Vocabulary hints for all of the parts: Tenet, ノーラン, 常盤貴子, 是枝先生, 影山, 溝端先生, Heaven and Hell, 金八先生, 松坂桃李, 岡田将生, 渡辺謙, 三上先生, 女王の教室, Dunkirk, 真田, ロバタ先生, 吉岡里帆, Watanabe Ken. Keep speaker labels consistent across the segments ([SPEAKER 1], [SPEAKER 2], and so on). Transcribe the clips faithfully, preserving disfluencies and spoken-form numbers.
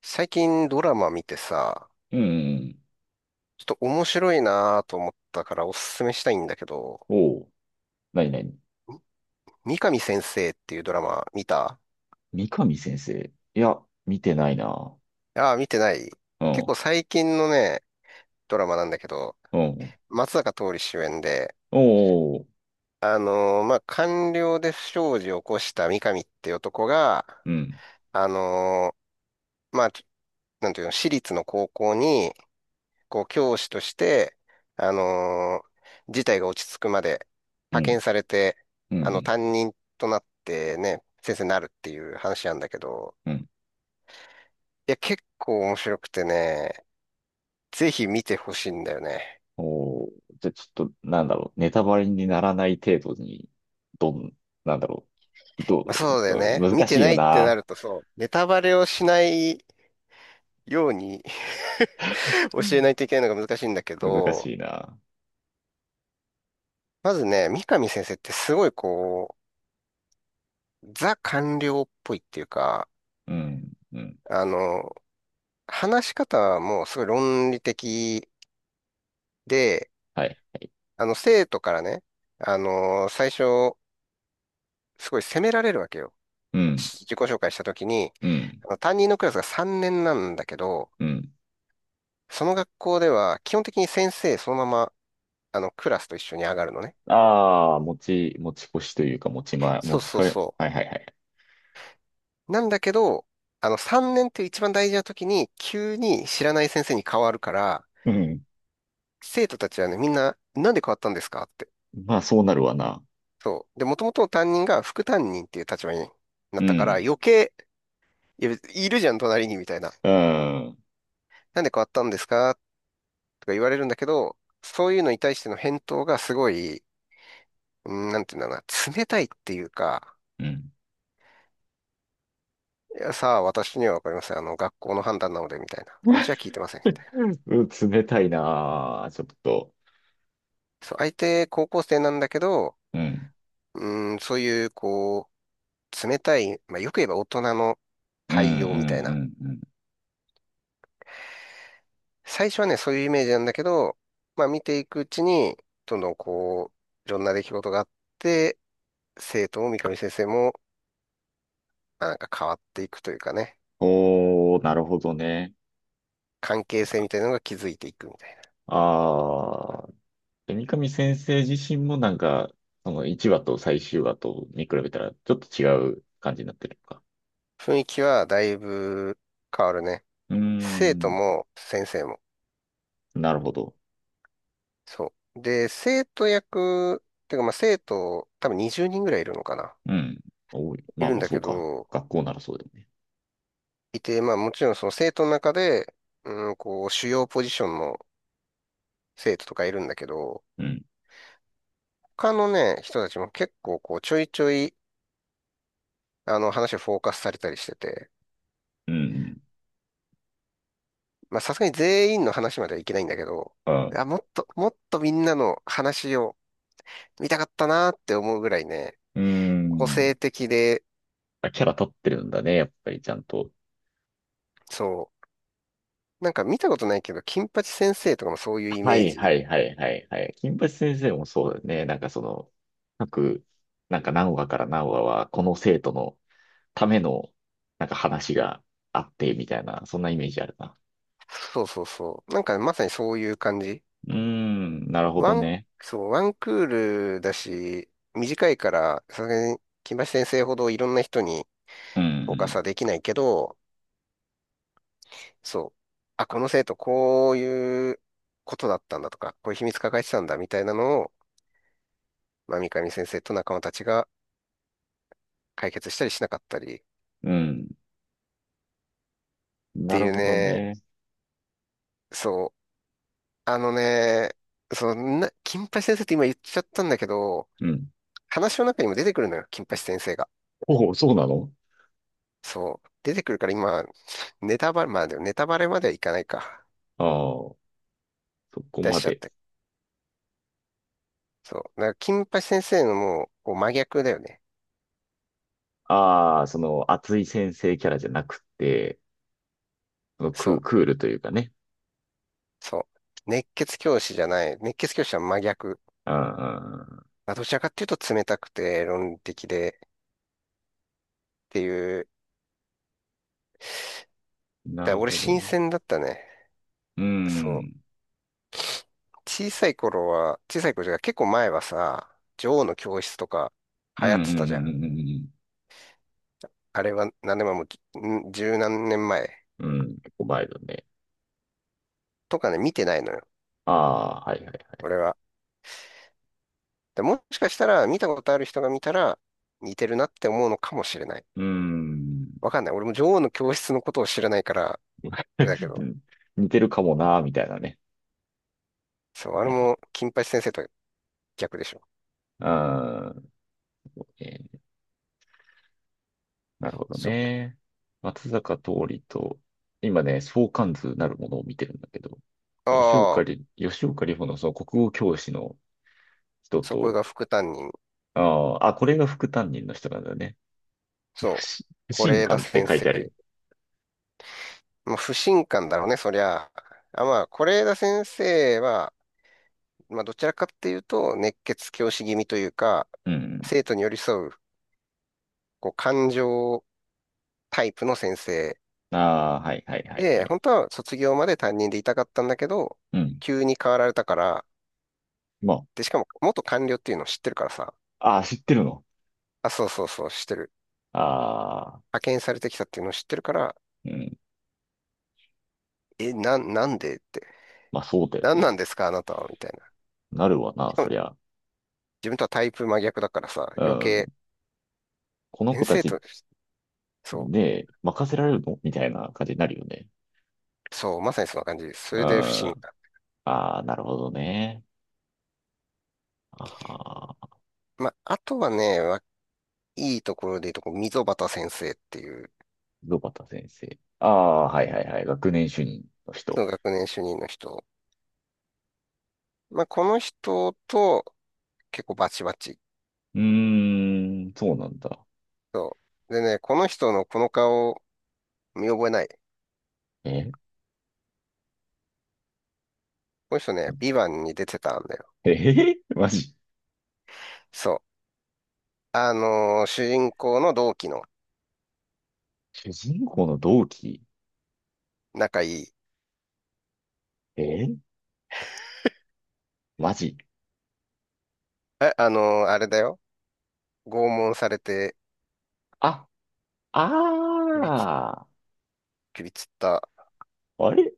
[SPEAKER 1] 最近ドラマ見てさ、
[SPEAKER 2] うん。
[SPEAKER 1] ちょっと面白いなと思ったからおすすめしたいんだけど、
[SPEAKER 2] おう。なになに、
[SPEAKER 1] 三上先生っていうドラマ見た？
[SPEAKER 2] 三上先生。いや、見てないな。
[SPEAKER 1] ああー、見てない。
[SPEAKER 2] う
[SPEAKER 1] 結構
[SPEAKER 2] ん。
[SPEAKER 1] 最近のね、ドラマなんだけど、
[SPEAKER 2] うん。
[SPEAKER 1] 松坂桃李主演で、
[SPEAKER 2] おう。
[SPEAKER 1] あのーまあ、官僚で不祥事を起こした三上っていう男が、
[SPEAKER 2] うん。
[SPEAKER 1] あのーまあ、ちょなんていうの、私立の高校にこう、教師として、あのー事態が落ち着くまで
[SPEAKER 2] う
[SPEAKER 1] 派
[SPEAKER 2] ん。
[SPEAKER 1] 遣されて、
[SPEAKER 2] う
[SPEAKER 1] あの、
[SPEAKER 2] ん。
[SPEAKER 1] 担任となってね、先生になるっていう話なんだけど、
[SPEAKER 2] うん。
[SPEAKER 1] いや、結構面白くてね、ぜひ見てほしいんだよね。
[SPEAKER 2] おう。じゃ、ちょっと、なんだろう。ネタバレにならない程度に、どん、なんだろう。ど
[SPEAKER 1] まあ、
[SPEAKER 2] う、
[SPEAKER 1] そうだよ
[SPEAKER 2] どう
[SPEAKER 1] ね。見
[SPEAKER 2] 難
[SPEAKER 1] て
[SPEAKER 2] しい
[SPEAKER 1] な
[SPEAKER 2] よ
[SPEAKER 1] いってな
[SPEAKER 2] な。
[SPEAKER 1] るとそう、ネタバレをしないように、
[SPEAKER 2] う
[SPEAKER 1] 教えな
[SPEAKER 2] ん。
[SPEAKER 1] いといけないのが難しいんだけ
[SPEAKER 2] 難
[SPEAKER 1] ど、
[SPEAKER 2] しいな。
[SPEAKER 1] まずね、三上先生ってすごいこう、ザ官僚っぽいっていうか、
[SPEAKER 2] うん。うん。
[SPEAKER 1] あの、話し方はもうすごい論理的で、
[SPEAKER 2] はい。
[SPEAKER 1] あの、生徒からね、あのー最初、すごい責められるわけよ。
[SPEAKER 2] うん。
[SPEAKER 1] し自己紹介したときに、
[SPEAKER 2] うん。
[SPEAKER 1] あの担任のクラスがさんねんなんだけど、
[SPEAKER 2] うん。
[SPEAKER 1] その学校では基本的に先生そのまま、あの、クラスと一緒に上がるのね。
[SPEAKER 2] ああ、持ち、持ち越しというか、持ち前、持
[SPEAKER 1] そう
[SPEAKER 2] ち
[SPEAKER 1] そ
[SPEAKER 2] か
[SPEAKER 1] う
[SPEAKER 2] れ、
[SPEAKER 1] そ
[SPEAKER 2] はいはいはい。
[SPEAKER 1] う。なんだけど、あの、さんねんっていう一番大事な時に、急に知らない先生に変わるから、
[SPEAKER 2] うん。
[SPEAKER 1] 生徒たちはね、みんな、なんで変わったんですかって。
[SPEAKER 2] まあ、そうなるわな。
[SPEAKER 1] そう。で、もともと担任が副担任っていう立場にな
[SPEAKER 2] う
[SPEAKER 1] ったから、
[SPEAKER 2] ん。
[SPEAKER 1] 余計、いや、いるじゃん、隣に、みたいな。
[SPEAKER 2] うん。
[SPEAKER 1] なんで変わったんですかとか言われるんだけど、そういうのに対しての返答がすごい、うん、なんていうんだろうな、冷たいっていうか、
[SPEAKER 2] うん。うん
[SPEAKER 1] いや、さあ、私にはわかりません。あの、学校の判断なので、みたいな。私は聞いてません。
[SPEAKER 2] 冷たいなあ、ちょっと。
[SPEAKER 1] そう、相手、高校生なんだけど、
[SPEAKER 2] うん。
[SPEAKER 1] うん、そういう、こう、冷たい、まあ、よく言えば大人の
[SPEAKER 2] うんう
[SPEAKER 1] 対応みたいな。
[SPEAKER 2] んうんうん。
[SPEAKER 1] 最初はね、そういうイメージなんだけど、まあ見ていくうちに、どんどんこう、いろんな出来事があって、生徒も三上先生も、まあなんか変わっていくというかね、
[SPEAKER 2] おー、なるほどね。
[SPEAKER 1] 関係性みたいなのが築いていくみたいな。
[SPEAKER 2] ああ、三上先生自身もなんか、そのいちわと最終話と見比べたらちょっと違う感じになってるのか。
[SPEAKER 1] 雰囲気はだいぶ変わるね。
[SPEAKER 2] うー
[SPEAKER 1] 生徒
[SPEAKER 2] ん、
[SPEAKER 1] も先生も。
[SPEAKER 2] なるほど。
[SPEAKER 1] そう。で、生徒役、てかまあ生徒、多分にじゅうにんぐらいいるのかな。
[SPEAKER 2] うん。おい、
[SPEAKER 1] い
[SPEAKER 2] まあ
[SPEAKER 1] るん
[SPEAKER 2] まあ
[SPEAKER 1] だ
[SPEAKER 2] そ
[SPEAKER 1] け
[SPEAKER 2] うか。
[SPEAKER 1] ど、
[SPEAKER 2] 学校ならそうだよね。
[SPEAKER 1] いて、まあもちろんその生徒の中で、うん、こう、主要ポジションの生徒とかいるんだけど、
[SPEAKER 2] うん、
[SPEAKER 1] 他のね、人たちも結構こう、ちょいちょい、あの、話をフォーカスされたりしてて、
[SPEAKER 2] うん、うん。
[SPEAKER 1] まあ、さすがに全員の話まではいけないんだけど、
[SPEAKER 2] あ、
[SPEAKER 1] あ、もっと、もっとみんなの話を見たかったなって思うぐらいね、
[SPEAKER 2] うー
[SPEAKER 1] 個
[SPEAKER 2] ん。
[SPEAKER 1] 性的で、
[SPEAKER 2] あ、キャラ立ってるんだね、やっぱりちゃんと。
[SPEAKER 1] そう、なんか見たことないけど、金八先生とかもそういうイ
[SPEAKER 2] は
[SPEAKER 1] メー
[SPEAKER 2] いは
[SPEAKER 1] ジ。
[SPEAKER 2] いはいはいはい。金八先生もそうだよね。なんかその、各、なんか何話から何話は、この生徒のための、なんか話があって、みたいな、そんなイメージあるな。
[SPEAKER 1] そうそうそう。なんかまさにそういう感じ。
[SPEAKER 2] うーん、なるほ
[SPEAKER 1] ワ
[SPEAKER 2] ど
[SPEAKER 1] ン、
[SPEAKER 2] ね。
[SPEAKER 1] そう、ワンクールだし、短いから、さすがに金八先生ほどいろんな人に
[SPEAKER 2] う
[SPEAKER 1] フォーカス
[SPEAKER 2] ん、
[SPEAKER 1] はできないけど、そう。あ、この生徒、こういうことだったんだとか、こういう秘密抱えてたんだみたいなのを、まあ、三上先生と仲間たちが解決したりしなかったりっ
[SPEAKER 2] うん、うん、な
[SPEAKER 1] て
[SPEAKER 2] る
[SPEAKER 1] いう
[SPEAKER 2] ほど
[SPEAKER 1] ね、
[SPEAKER 2] ね。
[SPEAKER 1] そう。あのね、そんな、金八先生って今言っちゃったんだけど、
[SPEAKER 2] うん。
[SPEAKER 1] 話の中にも出てくるのよ、金八先生が。
[SPEAKER 2] おお、そうなの？
[SPEAKER 1] そう。出てくるから今、ネタバレ、まあでもネタバレまではいかないか。
[SPEAKER 2] ああー、そこ
[SPEAKER 1] 出し
[SPEAKER 2] ま
[SPEAKER 1] ちゃっ
[SPEAKER 2] で。
[SPEAKER 1] て。そう。だから、金八先生のもう、こう真逆だよね。
[SPEAKER 2] ああ、その、熱い先生キャラじゃなくて、その
[SPEAKER 1] そ
[SPEAKER 2] クー、
[SPEAKER 1] う。
[SPEAKER 2] クールというかね。
[SPEAKER 1] そう。熱血教師じゃない。熱血教師は真逆。
[SPEAKER 2] あん、
[SPEAKER 1] まあ、どちらかっていうと冷たくて論理的でっていう。
[SPEAKER 2] な
[SPEAKER 1] だから
[SPEAKER 2] る
[SPEAKER 1] 俺
[SPEAKER 2] ほど
[SPEAKER 1] 新
[SPEAKER 2] ね。
[SPEAKER 1] 鮮だったね。
[SPEAKER 2] う
[SPEAKER 1] そう。
[SPEAKER 2] ん。
[SPEAKER 1] 小さい頃は、小さい頃じゃない結構前はさ、女王の教室とか
[SPEAKER 2] うん
[SPEAKER 1] 流行っ
[SPEAKER 2] うんう
[SPEAKER 1] てたじゃ
[SPEAKER 2] んう
[SPEAKER 1] ん。
[SPEAKER 2] んうん。
[SPEAKER 1] あれは何年前も、ん十何年前
[SPEAKER 2] うん、結構前だね。
[SPEAKER 1] とかね、見てないのよ。
[SPEAKER 2] ああ、はいはいはい。
[SPEAKER 1] 俺は。で、もしかしたら見たことある人が見たら似てるなって思うのかもしれない。
[SPEAKER 2] うーん。
[SPEAKER 1] わかんない。俺も女王の教室のことを知らないから、あれ だけど。
[SPEAKER 2] 似てるかもな、みたいなね。
[SPEAKER 1] そう、あ
[SPEAKER 2] い
[SPEAKER 1] れ
[SPEAKER 2] や、
[SPEAKER 1] も金八先生と逆でしょ。
[SPEAKER 2] うーん、えーなるほど
[SPEAKER 1] そう。
[SPEAKER 2] ね。松坂桃李と、今ね、相関図なるものを見てるんだけど、吉岡
[SPEAKER 1] ああ、
[SPEAKER 2] 里、吉岡里帆のその国語教師の人
[SPEAKER 1] そこ
[SPEAKER 2] と、
[SPEAKER 1] が副担任。
[SPEAKER 2] あーあ、これが副担任の人なんだね。
[SPEAKER 1] そ
[SPEAKER 2] 不信、不
[SPEAKER 1] う、是
[SPEAKER 2] 信
[SPEAKER 1] 枝
[SPEAKER 2] 感って
[SPEAKER 1] 先
[SPEAKER 2] 書い
[SPEAKER 1] 生。
[SPEAKER 2] てある。
[SPEAKER 1] まあ、不信感だろうね、そりゃ。あ、まあ、是枝先生は、まあ、どちらかっていうと、熱血教師気味というか、
[SPEAKER 2] うん。
[SPEAKER 1] 生徒に寄り添う、こう、感情タイプの先生。
[SPEAKER 2] ああ、はいはいはいは
[SPEAKER 1] で、
[SPEAKER 2] い。
[SPEAKER 1] 本当は卒業まで担任でいたかったんだけど、
[SPEAKER 2] うん。
[SPEAKER 1] 急に変わられたから、
[SPEAKER 2] ま
[SPEAKER 1] で、しかも、元官僚っていうのを知ってるからさ、
[SPEAKER 2] あ、ああ、知ってるの。
[SPEAKER 1] あ、そうそうそう、知ってる。
[SPEAKER 2] ああ、
[SPEAKER 1] 派遣されてきたっていうのを知ってるから、
[SPEAKER 2] うん。
[SPEAKER 1] え、なん、なんでって。
[SPEAKER 2] まあそうだよ
[SPEAKER 1] なんな
[SPEAKER 2] ね。
[SPEAKER 1] んですか、あなたは、みたいな。
[SPEAKER 2] なるわな、
[SPEAKER 1] しか
[SPEAKER 2] そ
[SPEAKER 1] も、
[SPEAKER 2] りゃ。
[SPEAKER 1] 自分とはタイプ真逆だからさ、
[SPEAKER 2] う
[SPEAKER 1] 余
[SPEAKER 2] ん。
[SPEAKER 1] 計、
[SPEAKER 2] この
[SPEAKER 1] 先
[SPEAKER 2] 子た
[SPEAKER 1] 生
[SPEAKER 2] ち
[SPEAKER 1] と、そ
[SPEAKER 2] で任せられるのみたいな感じになるよね。
[SPEAKER 1] う、そう、まさにそんな感じです。そ
[SPEAKER 2] うん。
[SPEAKER 1] れで不審
[SPEAKER 2] あ
[SPEAKER 1] か。
[SPEAKER 2] あ、なるほどね。ああ、
[SPEAKER 1] まあ、あとはね、わいいところで言うと、こう溝端先生っていう、
[SPEAKER 2] ロバタ先生。ああ、はいはいはい。学年主任の人。
[SPEAKER 1] その学年主任の人。まあ、この人と結構バチバチ。
[SPEAKER 2] うーん、そうなんだ。
[SPEAKER 1] そう。でね、この人のこの顔、見覚えない？
[SPEAKER 2] え
[SPEAKER 1] この人ね、ビバンに出てたんだよ。
[SPEAKER 2] ええ マジ。
[SPEAKER 1] そう。あのー主人公の同期の
[SPEAKER 2] 主人公の同期。
[SPEAKER 1] 仲いい。
[SPEAKER 2] え、マジ。
[SPEAKER 1] え、あのーあれだよ。拷問されて、
[SPEAKER 2] あ、あ
[SPEAKER 1] 首つ、
[SPEAKER 2] あ、
[SPEAKER 1] 首つった。
[SPEAKER 2] あれ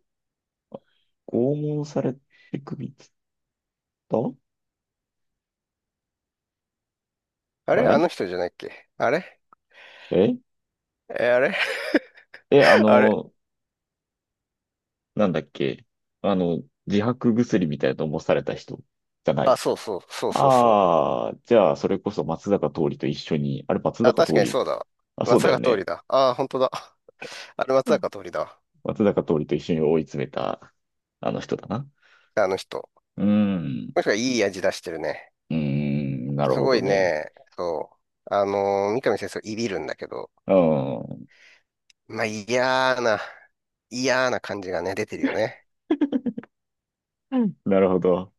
[SPEAKER 2] 拷問されて首つった？
[SPEAKER 1] あれあ
[SPEAKER 2] え
[SPEAKER 1] の人じゃないっけ？あれ、
[SPEAKER 2] え
[SPEAKER 1] え、あれ、
[SPEAKER 2] え、あ
[SPEAKER 1] あれ、
[SPEAKER 2] の、なんだっけ、あの、自白薬みたいなのもされた人じゃな
[SPEAKER 1] あ、
[SPEAKER 2] い。
[SPEAKER 1] そうそう、そうそうそ
[SPEAKER 2] ああ、じゃあ、それこそ松坂桃李と一緒に、あれ松
[SPEAKER 1] う。あ、
[SPEAKER 2] 坂
[SPEAKER 1] 確か
[SPEAKER 2] 桃
[SPEAKER 1] に
[SPEAKER 2] 李、
[SPEAKER 1] そうだわ。
[SPEAKER 2] あ、そう
[SPEAKER 1] 松
[SPEAKER 2] だよ
[SPEAKER 1] 坂通
[SPEAKER 2] ね。
[SPEAKER 1] りだ。ああ、本当だ。あれ松
[SPEAKER 2] うん。
[SPEAKER 1] 坂通りだわ。
[SPEAKER 2] 松坂桃李と一緒に追い詰めた、あの人だな。
[SPEAKER 1] あの人。
[SPEAKER 2] うーん、
[SPEAKER 1] もしかいい味出してるね。
[SPEAKER 2] うーん、なる
[SPEAKER 1] す
[SPEAKER 2] ほ
[SPEAKER 1] ご
[SPEAKER 2] ど
[SPEAKER 1] い
[SPEAKER 2] ね。
[SPEAKER 1] ね、そう。あのー三上先生、いびるんだけど、
[SPEAKER 2] うん、うん
[SPEAKER 1] まあ、嫌な、嫌な感じがね、出てるよね。
[SPEAKER 2] なるほど。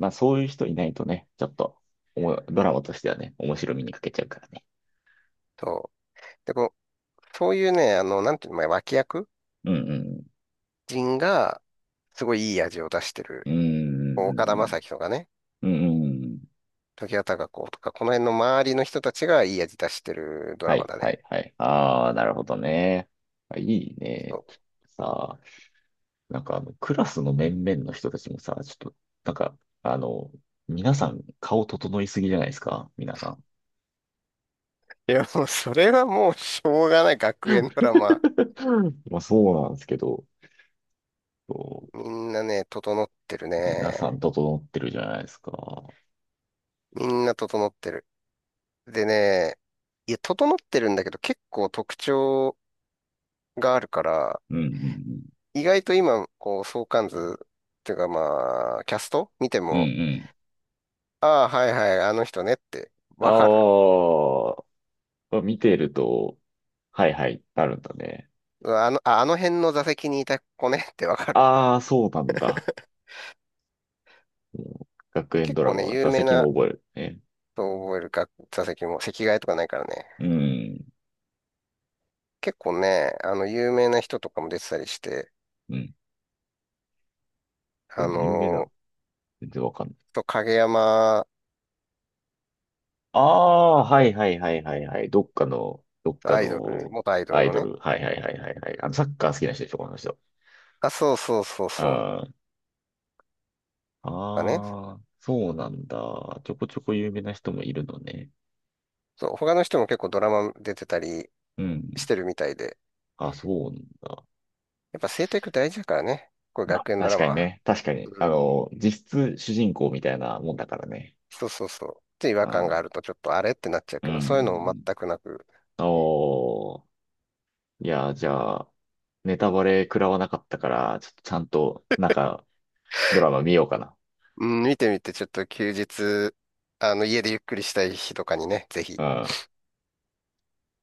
[SPEAKER 2] まあ、そういう人いないとね、ちょっと、おもドラマとしてはね、面白みに欠けちゃうからね。
[SPEAKER 1] そう。で、こう、そういうね、あの、なんていうの、まあ脇役
[SPEAKER 2] うん、
[SPEAKER 1] 人が、すごいいい味を出してる。
[SPEAKER 2] う
[SPEAKER 1] 岡田将
[SPEAKER 2] ん、
[SPEAKER 1] 生とかね、
[SPEAKER 2] うーん、うん、うん。
[SPEAKER 1] 常盤貴子とか、この辺の周りの人たちがいい味出してるド
[SPEAKER 2] は
[SPEAKER 1] ラマ
[SPEAKER 2] い
[SPEAKER 1] だ
[SPEAKER 2] は
[SPEAKER 1] ね。
[SPEAKER 2] いはい。ああ、なるほどね。あ、いいね。さあ、なんかあの、クラスの面々の人たちもさ、ちょっと、なんか、あの、皆さん顔整いすぎじゃないですか、皆さん。
[SPEAKER 1] いや、もうそれはもうしょうがない学園ドラマ。
[SPEAKER 2] うん、まあそうなんですけど、そ
[SPEAKER 1] みんなね、整ってる
[SPEAKER 2] う、皆さん
[SPEAKER 1] ね。
[SPEAKER 2] 整ってるじゃないですか。
[SPEAKER 1] みんな整ってる。でね、いや、整ってるんだけど結構特徴があるから、
[SPEAKER 2] うんうん
[SPEAKER 1] 意外と今、こう、相関図っていうかまあ、キャスト見て
[SPEAKER 2] うん。う
[SPEAKER 1] も、
[SPEAKER 2] ん
[SPEAKER 1] ああ、はいはい、あの人ねって
[SPEAKER 2] うん。
[SPEAKER 1] わかる。
[SPEAKER 2] ああ、見てると、はいはい、なるんだね。
[SPEAKER 1] うわ、あの、ああの辺の座席にいた子ねってわかる。
[SPEAKER 2] ああ、そうなんだ。もう学
[SPEAKER 1] で
[SPEAKER 2] 園
[SPEAKER 1] 結
[SPEAKER 2] ドラ
[SPEAKER 1] 構
[SPEAKER 2] マ
[SPEAKER 1] ね、
[SPEAKER 2] は
[SPEAKER 1] 有
[SPEAKER 2] 座
[SPEAKER 1] 名
[SPEAKER 2] 席
[SPEAKER 1] な
[SPEAKER 2] も覚えるね。
[SPEAKER 1] と覚えるか、座席も席替えとかないからね。
[SPEAKER 2] うん。
[SPEAKER 1] 結構ね、あの、有名な人とかも出てたりして、
[SPEAKER 2] うん、こ
[SPEAKER 1] あ
[SPEAKER 2] れ有名な
[SPEAKER 1] の
[SPEAKER 2] の全然わかんない。
[SPEAKER 1] ー、と、影山、
[SPEAKER 2] ああ、はいはいはいはいはい。どっかの、どっか
[SPEAKER 1] アイドル、
[SPEAKER 2] の
[SPEAKER 1] 元アイド
[SPEAKER 2] ア
[SPEAKER 1] ル
[SPEAKER 2] イ
[SPEAKER 1] の
[SPEAKER 2] ド
[SPEAKER 1] ね。
[SPEAKER 2] ル。はいはいはいはいはい。あの、サッカー好きな人でしょ、この人。
[SPEAKER 1] あ、そうそうそうそう。と
[SPEAKER 2] あー
[SPEAKER 1] かね。
[SPEAKER 2] あー、そうなんだ。ちょこちょこ有名な人もいるのね。
[SPEAKER 1] そう、他の人も結構ドラマ出てたり
[SPEAKER 2] う
[SPEAKER 1] し
[SPEAKER 2] ん。
[SPEAKER 1] てるみたいで。
[SPEAKER 2] あ、そうなんだ。
[SPEAKER 1] やっぱ生徒役大事だからね。これ
[SPEAKER 2] まあ、
[SPEAKER 1] 学園ド
[SPEAKER 2] 確
[SPEAKER 1] ラマ
[SPEAKER 2] かに
[SPEAKER 1] は。
[SPEAKER 2] ね。確かに。あ
[SPEAKER 1] うん。
[SPEAKER 2] の、実質主人公みたいなもんだからね。
[SPEAKER 1] そうそうそう。って違和
[SPEAKER 2] あ
[SPEAKER 1] 感
[SPEAKER 2] ー、
[SPEAKER 1] があるとちょっとあれってなっちゃう
[SPEAKER 2] うん
[SPEAKER 1] け
[SPEAKER 2] う
[SPEAKER 1] ど、そういうのも
[SPEAKER 2] ん
[SPEAKER 1] 全くなく。
[SPEAKER 2] うん。おー。いや、じゃあ、ネタバレ食らわなかったから、ちょっとちゃんと、なんか、ドラマ見ようかな。
[SPEAKER 1] うん、見てみてちょっと休日、あの、家でゆっくりしたい日とかにね、ぜ
[SPEAKER 2] う
[SPEAKER 1] ひ。
[SPEAKER 2] ん。